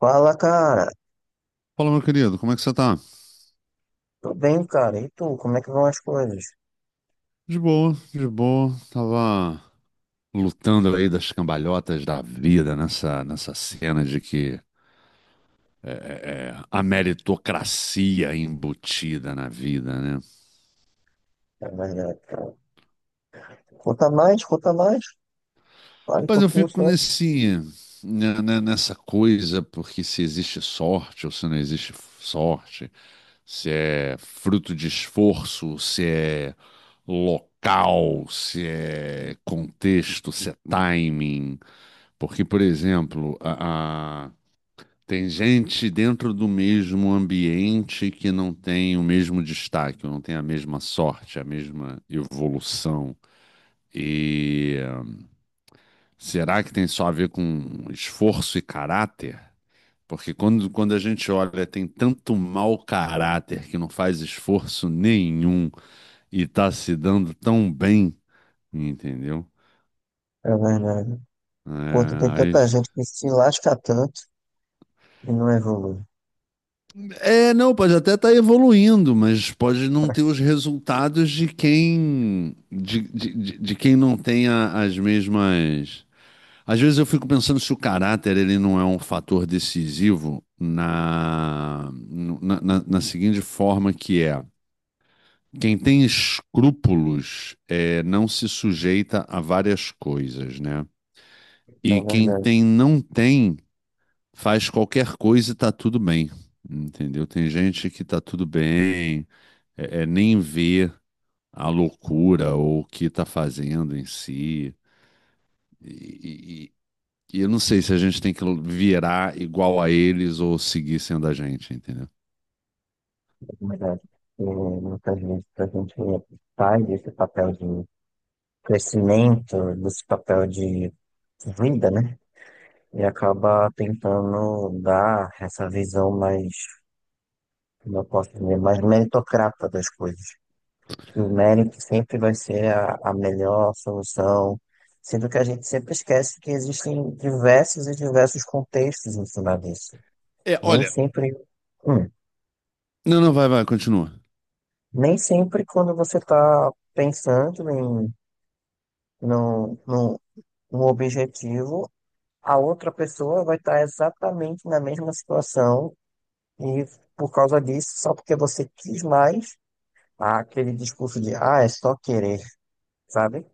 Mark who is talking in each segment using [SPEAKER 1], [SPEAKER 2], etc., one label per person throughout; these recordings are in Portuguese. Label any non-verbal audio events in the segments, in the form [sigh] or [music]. [SPEAKER 1] Fala, cara.
[SPEAKER 2] Fala, meu querido, como é que você tá?
[SPEAKER 1] Tô bem, cara. E tu, como é que vão as coisas?
[SPEAKER 2] De boa, de boa. Tava lutando aí das cambalhotas da vida nessa cena de que é, é, a meritocracia é embutida na vida, né?
[SPEAKER 1] É verdade, cara. Conta mais, conta mais. Fale um
[SPEAKER 2] Rapaz, eu
[SPEAKER 1] pouquinho
[SPEAKER 2] fico
[SPEAKER 1] só.
[SPEAKER 2] nessa coisa, porque se existe sorte ou se não existe sorte, se é fruto de esforço, se é local, se é contexto, se é timing. Porque, por exemplo, tem gente dentro do mesmo ambiente que não tem o mesmo destaque, não tem a mesma sorte, a mesma evolução. Será que tem só a ver com esforço e caráter? Porque quando a gente olha, tem tanto mau caráter que não faz esforço nenhum e tá se dando tão bem, entendeu?
[SPEAKER 1] É verdade. Enquanto tem
[SPEAKER 2] É, aí-
[SPEAKER 1] tanta gente que se lasca tanto e não evolui.
[SPEAKER 2] não, pode até estar evoluindo, mas pode não ter os resultados de quem de quem não tenha as mesmas. Às vezes eu fico pensando se o caráter ele não é um fator decisivo na seguinte forma que é. Quem tem escrúpulos não se sujeita a várias coisas, né?
[SPEAKER 1] É
[SPEAKER 2] E quem
[SPEAKER 1] verdade,
[SPEAKER 2] tem não tem faz qualquer coisa e tá tudo bem, entendeu? Tem gente que tá tudo bem, nem vê a loucura ou o que tá fazendo em si. E, E eu não sei se a gente tem que virar igual a eles ou seguir sendo a gente, entendeu?
[SPEAKER 1] é verdade. E muitas vezes a gente sai desse papel de crescimento, desse papel de vida, né? E acaba tentando dar essa visão mais, como eu posso dizer, mais meritocrata das coisas. Que o médico sempre vai ser a melhor solução, sendo que a gente sempre esquece que existem diversos e diversos contextos em cima disso.
[SPEAKER 2] É,
[SPEAKER 1] Nem
[SPEAKER 2] olha.
[SPEAKER 1] sempre, hum,
[SPEAKER 2] Não, não, vai, vai, continua.
[SPEAKER 1] nem sempre quando você está pensando em num, num, num objetivo, a outra pessoa vai estar exatamente na mesma situação e por causa disso, só porque você quis mais, há aquele discurso de, ah, é só querer, sabe?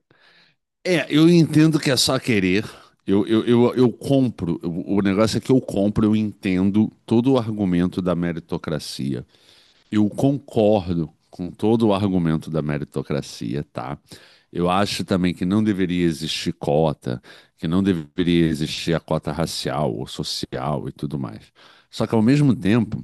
[SPEAKER 2] É, eu entendo que é só querer. Eu compro. O negócio é que eu compro, eu entendo todo o argumento da meritocracia. Eu concordo com todo o argumento da meritocracia, tá? Eu acho também que não deveria existir cota, que não deveria existir a cota racial ou social e tudo mais. Só que, ao mesmo tempo,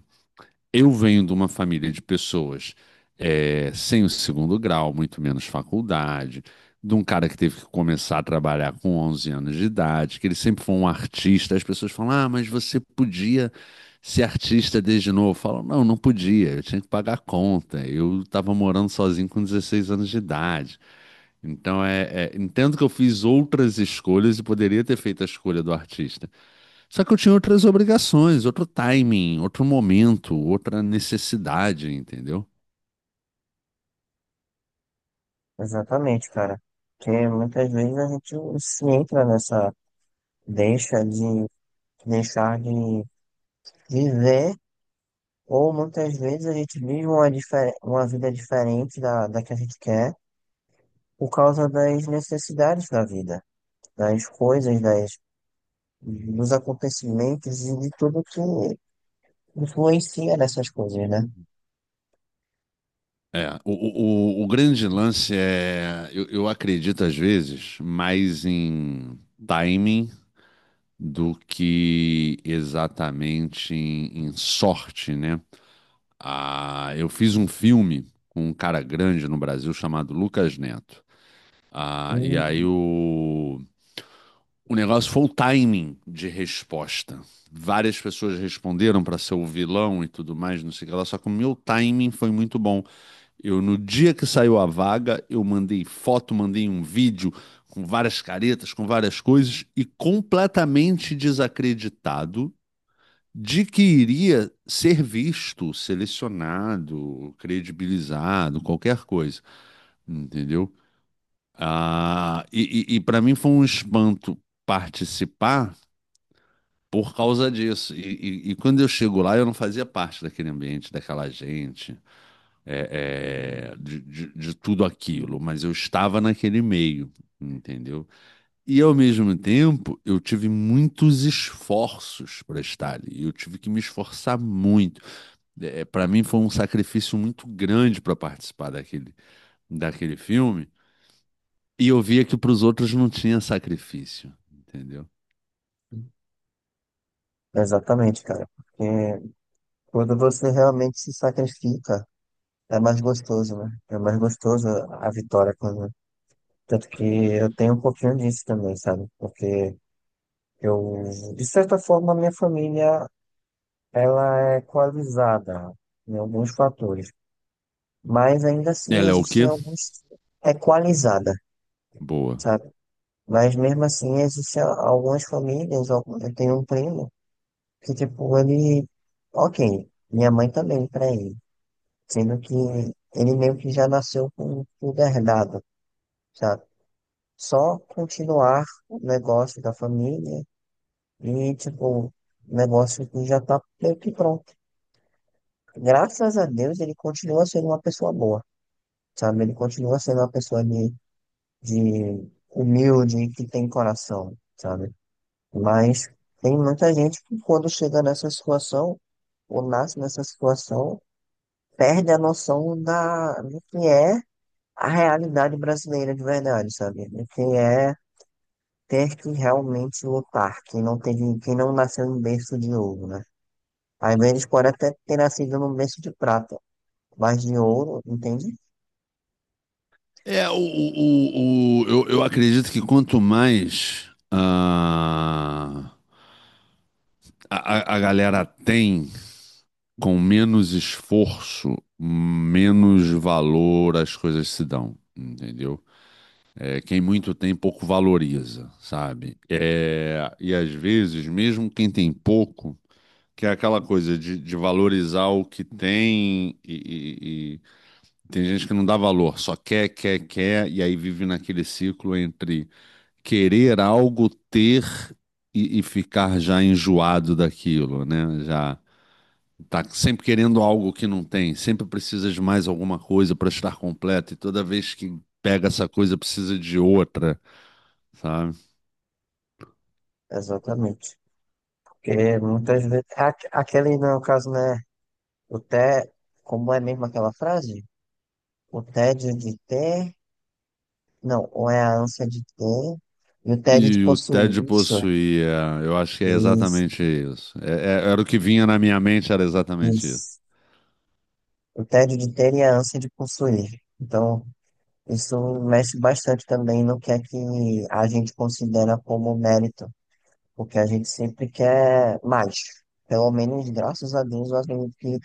[SPEAKER 2] eu venho de uma família de pessoas sem o segundo grau, muito menos faculdade, de um cara que teve que começar a trabalhar com 11 anos de idade, que ele sempre foi um artista. As pessoas falam: Ah, mas você podia ser artista desde novo. Eu falo: Não, não podia, eu tinha que pagar a conta. Eu estava morando sozinho com 16 anos de idade. Então, entendo que eu fiz outras escolhas e poderia ter feito a escolha do artista. Só que eu tinha outras obrigações, outro timing, outro momento, outra necessidade, entendeu?
[SPEAKER 1] Exatamente, cara. Porque muitas vezes a gente se entra nessa deixa de deixar de viver, ou muitas vezes a gente vive uma, uma vida diferente da que a gente quer por causa das necessidades da vida, das coisas, das, dos acontecimentos e de tudo que influencia nessas coisas, né?
[SPEAKER 2] É, o grande lance é, eu acredito às vezes mais em timing do que exatamente em sorte, né? Ah, eu fiz um filme com um cara grande no Brasil chamado Lucas Neto. Ah, e
[SPEAKER 1] E-
[SPEAKER 2] aí o, O negócio foi o timing de resposta. Várias pessoas responderam para ser o vilão e tudo mais, não sei o que lá, só que o meu timing foi muito bom. Eu, no dia que saiu a vaga, eu mandei foto, mandei um vídeo com várias caretas, com várias coisas, e completamente desacreditado de que iria ser visto, selecionado, credibilizado, qualquer coisa, entendeu? Ah, e para mim foi um espanto participar por causa disso. E quando eu chego lá, eu não fazia parte daquele ambiente, daquela gente, de tudo aquilo, mas eu estava naquele meio, entendeu? E ao mesmo tempo, eu tive muitos esforços para estar ali. Eu tive que me esforçar muito. É, para mim foi um sacrifício muito grande para participar daquele, daquele filme. E eu via que para os outros não tinha sacrifício, entendeu?
[SPEAKER 1] Exatamente, cara. Porque quando você realmente se sacrifica. É mais gostoso, né? É mais gostoso a vitória quando. Tanto que eu tenho um pouquinho disso também, sabe? Porque eu, de certa forma, a minha família, ela é equalizada em alguns fatores. Mas ainda assim
[SPEAKER 2] Ela é o
[SPEAKER 1] existem
[SPEAKER 2] quê?
[SPEAKER 1] alguns é equalizada,
[SPEAKER 2] Boa.
[SPEAKER 1] sabe? Mas mesmo assim existem algumas famílias, eu tenho um primo que, tipo, ele. Ok, minha mãe também, pra ele. Sendo que ele meio que já nasceu com tudo herdado. Sabe? Só continuar o negócio da família e, tipo, o negócio que já tá meio que pronto. Graças a Deus, ele continua sendo uma pessoa boa, sabe? Ele continua sendo uma pessoa de humilde, que tem coração, sabe? Mas tem muita gente que, quando chega nessa situação, ou nasce nessa situação, perde a noção da, do que é a realidade brasileira de verdade, sabe? Do que é ter que realmente lutar, quem não teve, quem não nasceu em berço de ouro, né? Às vezes pode até ter nascido num berço de prata, mas de ouro, entende?
[SPEAKER 2] É, eu acredito que quanto mais a galera tem, com menos esforço, menos valor as coisas se dão, entendeu? É, quem muito tem, pouco valoriza, sabe? É, e às vezes, mesmo quem tem pouco, que é aquela coisa de valorizar o que tem e tem gente que não dá valor, só quer, quer, quer, e aí vive naquele ciclo entre querer algo, ter e ficar já enjoado daquilo, né? Já tá sempre querendo algo que não tem, sempre precisa de mais alguma coisa para estar completo, e toda vez que pega essa coisa precisa de outra, sabe?
[SPEAKER 1] Exatamente. Porque muitas vezes, aquele no caso, né, o té, como é mesmo aquela frase? O tédio de ter, não, ou é a ânsia de ter, e o tédio de
[SPEAKER 2] E o Ted
[SPEAKER 1] possuir, isso,
[SPEAKER 2] possuía, eu acho que é
[SPEAKER 1] isso,
[SPEAKER 2] exatamente isso. Era o que vinha na minha mente, era exatamente isso.
[SPEAKER 1] isso. O tédio de ter e a ânsia de possuir. Então, isso mexe bastante também no que é que a gente considera como mérito, porque a gente sempre quer mais. Pelo menos, graças a Deus, eu acredito que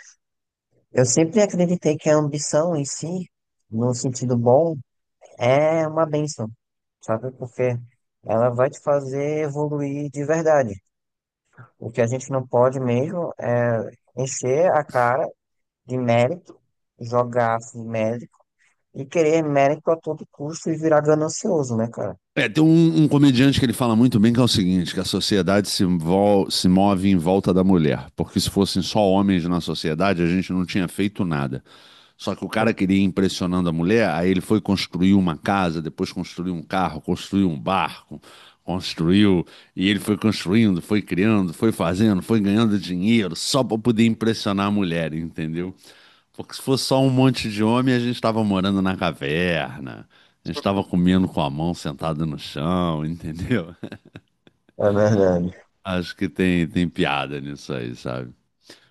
[SPEAKER 1] eu sempre acreditei que a ambição em si, no sentido bom, é uma bênção, sabe? Porque ela vai te fazer evoluir de verdade. O que a gente não pode mesmo é encher a cara de mérito, jogar assim, mérito e querer mérito a todo custo e virar ganancioso, né, cara?
[SPEAKER 2] É, tem um comediante que ele fala muito bem que é o seguinte, que a sociedade se move em volta da mulher, porque se fossem só homens na sociedade, a gente não tinha feito nada. Só que o cara queria ir impressionando a mulher, aí ele foi construir uma casa, depois construiu um carro, construiu um barco, construiu, e ele foi construindo, foi criando, foi fazendo, foi ganhando dinheiro, só para poder impressionar a mulher, entendeu? Porque se fosse só um monte de homem, a gente estava morando na caverna, a gente estava comendo com a mão sentada no chão, entendeu? [laughs]
[SPEAKER 1] É verdade.
[SPEAKER 2] Acho que tem piada nisso aí, sabe?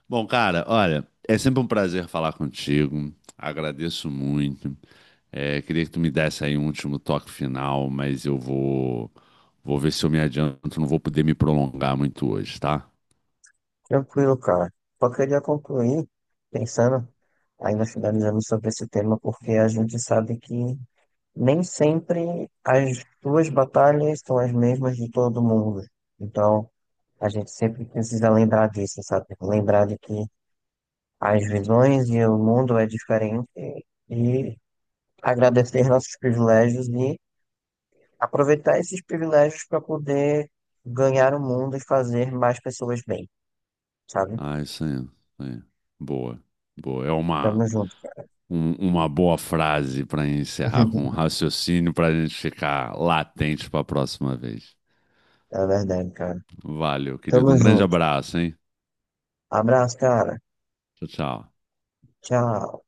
[SPEAKER 2] Bom, cara, olha, é sempre um prazer falar contigo, agradeço muito. É, queria que tu me desse aí um último toque final, mas eu vou, vou ver se eu me adianto, não vou poder me prolongar muito hoje, tá?
[SPEAKER 1] Tranquilo, cara. Só queria concluir pensando, ainda finalizando sobre esse tema, porque a gente sabe que nem sempre as suas batalhas são as mesmas de todo mundo. Então, a gente sempre precisa lembrar disso, sabe? Lembrar de que as visões e o mundo é diferente e agradecer nossos privilégios e aproveitar esses privilégios para poder ganhar o mundo e fazer mais pessoas bem, sabe?
[SPEAKER 2] Ah, isso aí, isso aí. Boa, boa. É
[SPEAKER 1] Tamo
[SPEAKER 2] uma.
[SPEAKER 1] junto.
[SPEAKER 2] Uma boa frase para encerrar com um
[SPEAKER 1] [laughs]
[SPEAKER 2] raciocínio para a gente ficar latente para a próxima vez.
[SPEAKER 1] É verdade, cara.
[SPEAKER 2] Valeu, querido.
[SPEAKER 1] Tamo
[SPEAKER 2] Um grande
[SPEAKER 1] junto.
[SPEAKER 2] abraço, hein?
[SPEAKER 1] Abraço, cara.
[SPEAKER 2] Tchau, tchau.
[SPEAKER 1] Tchau.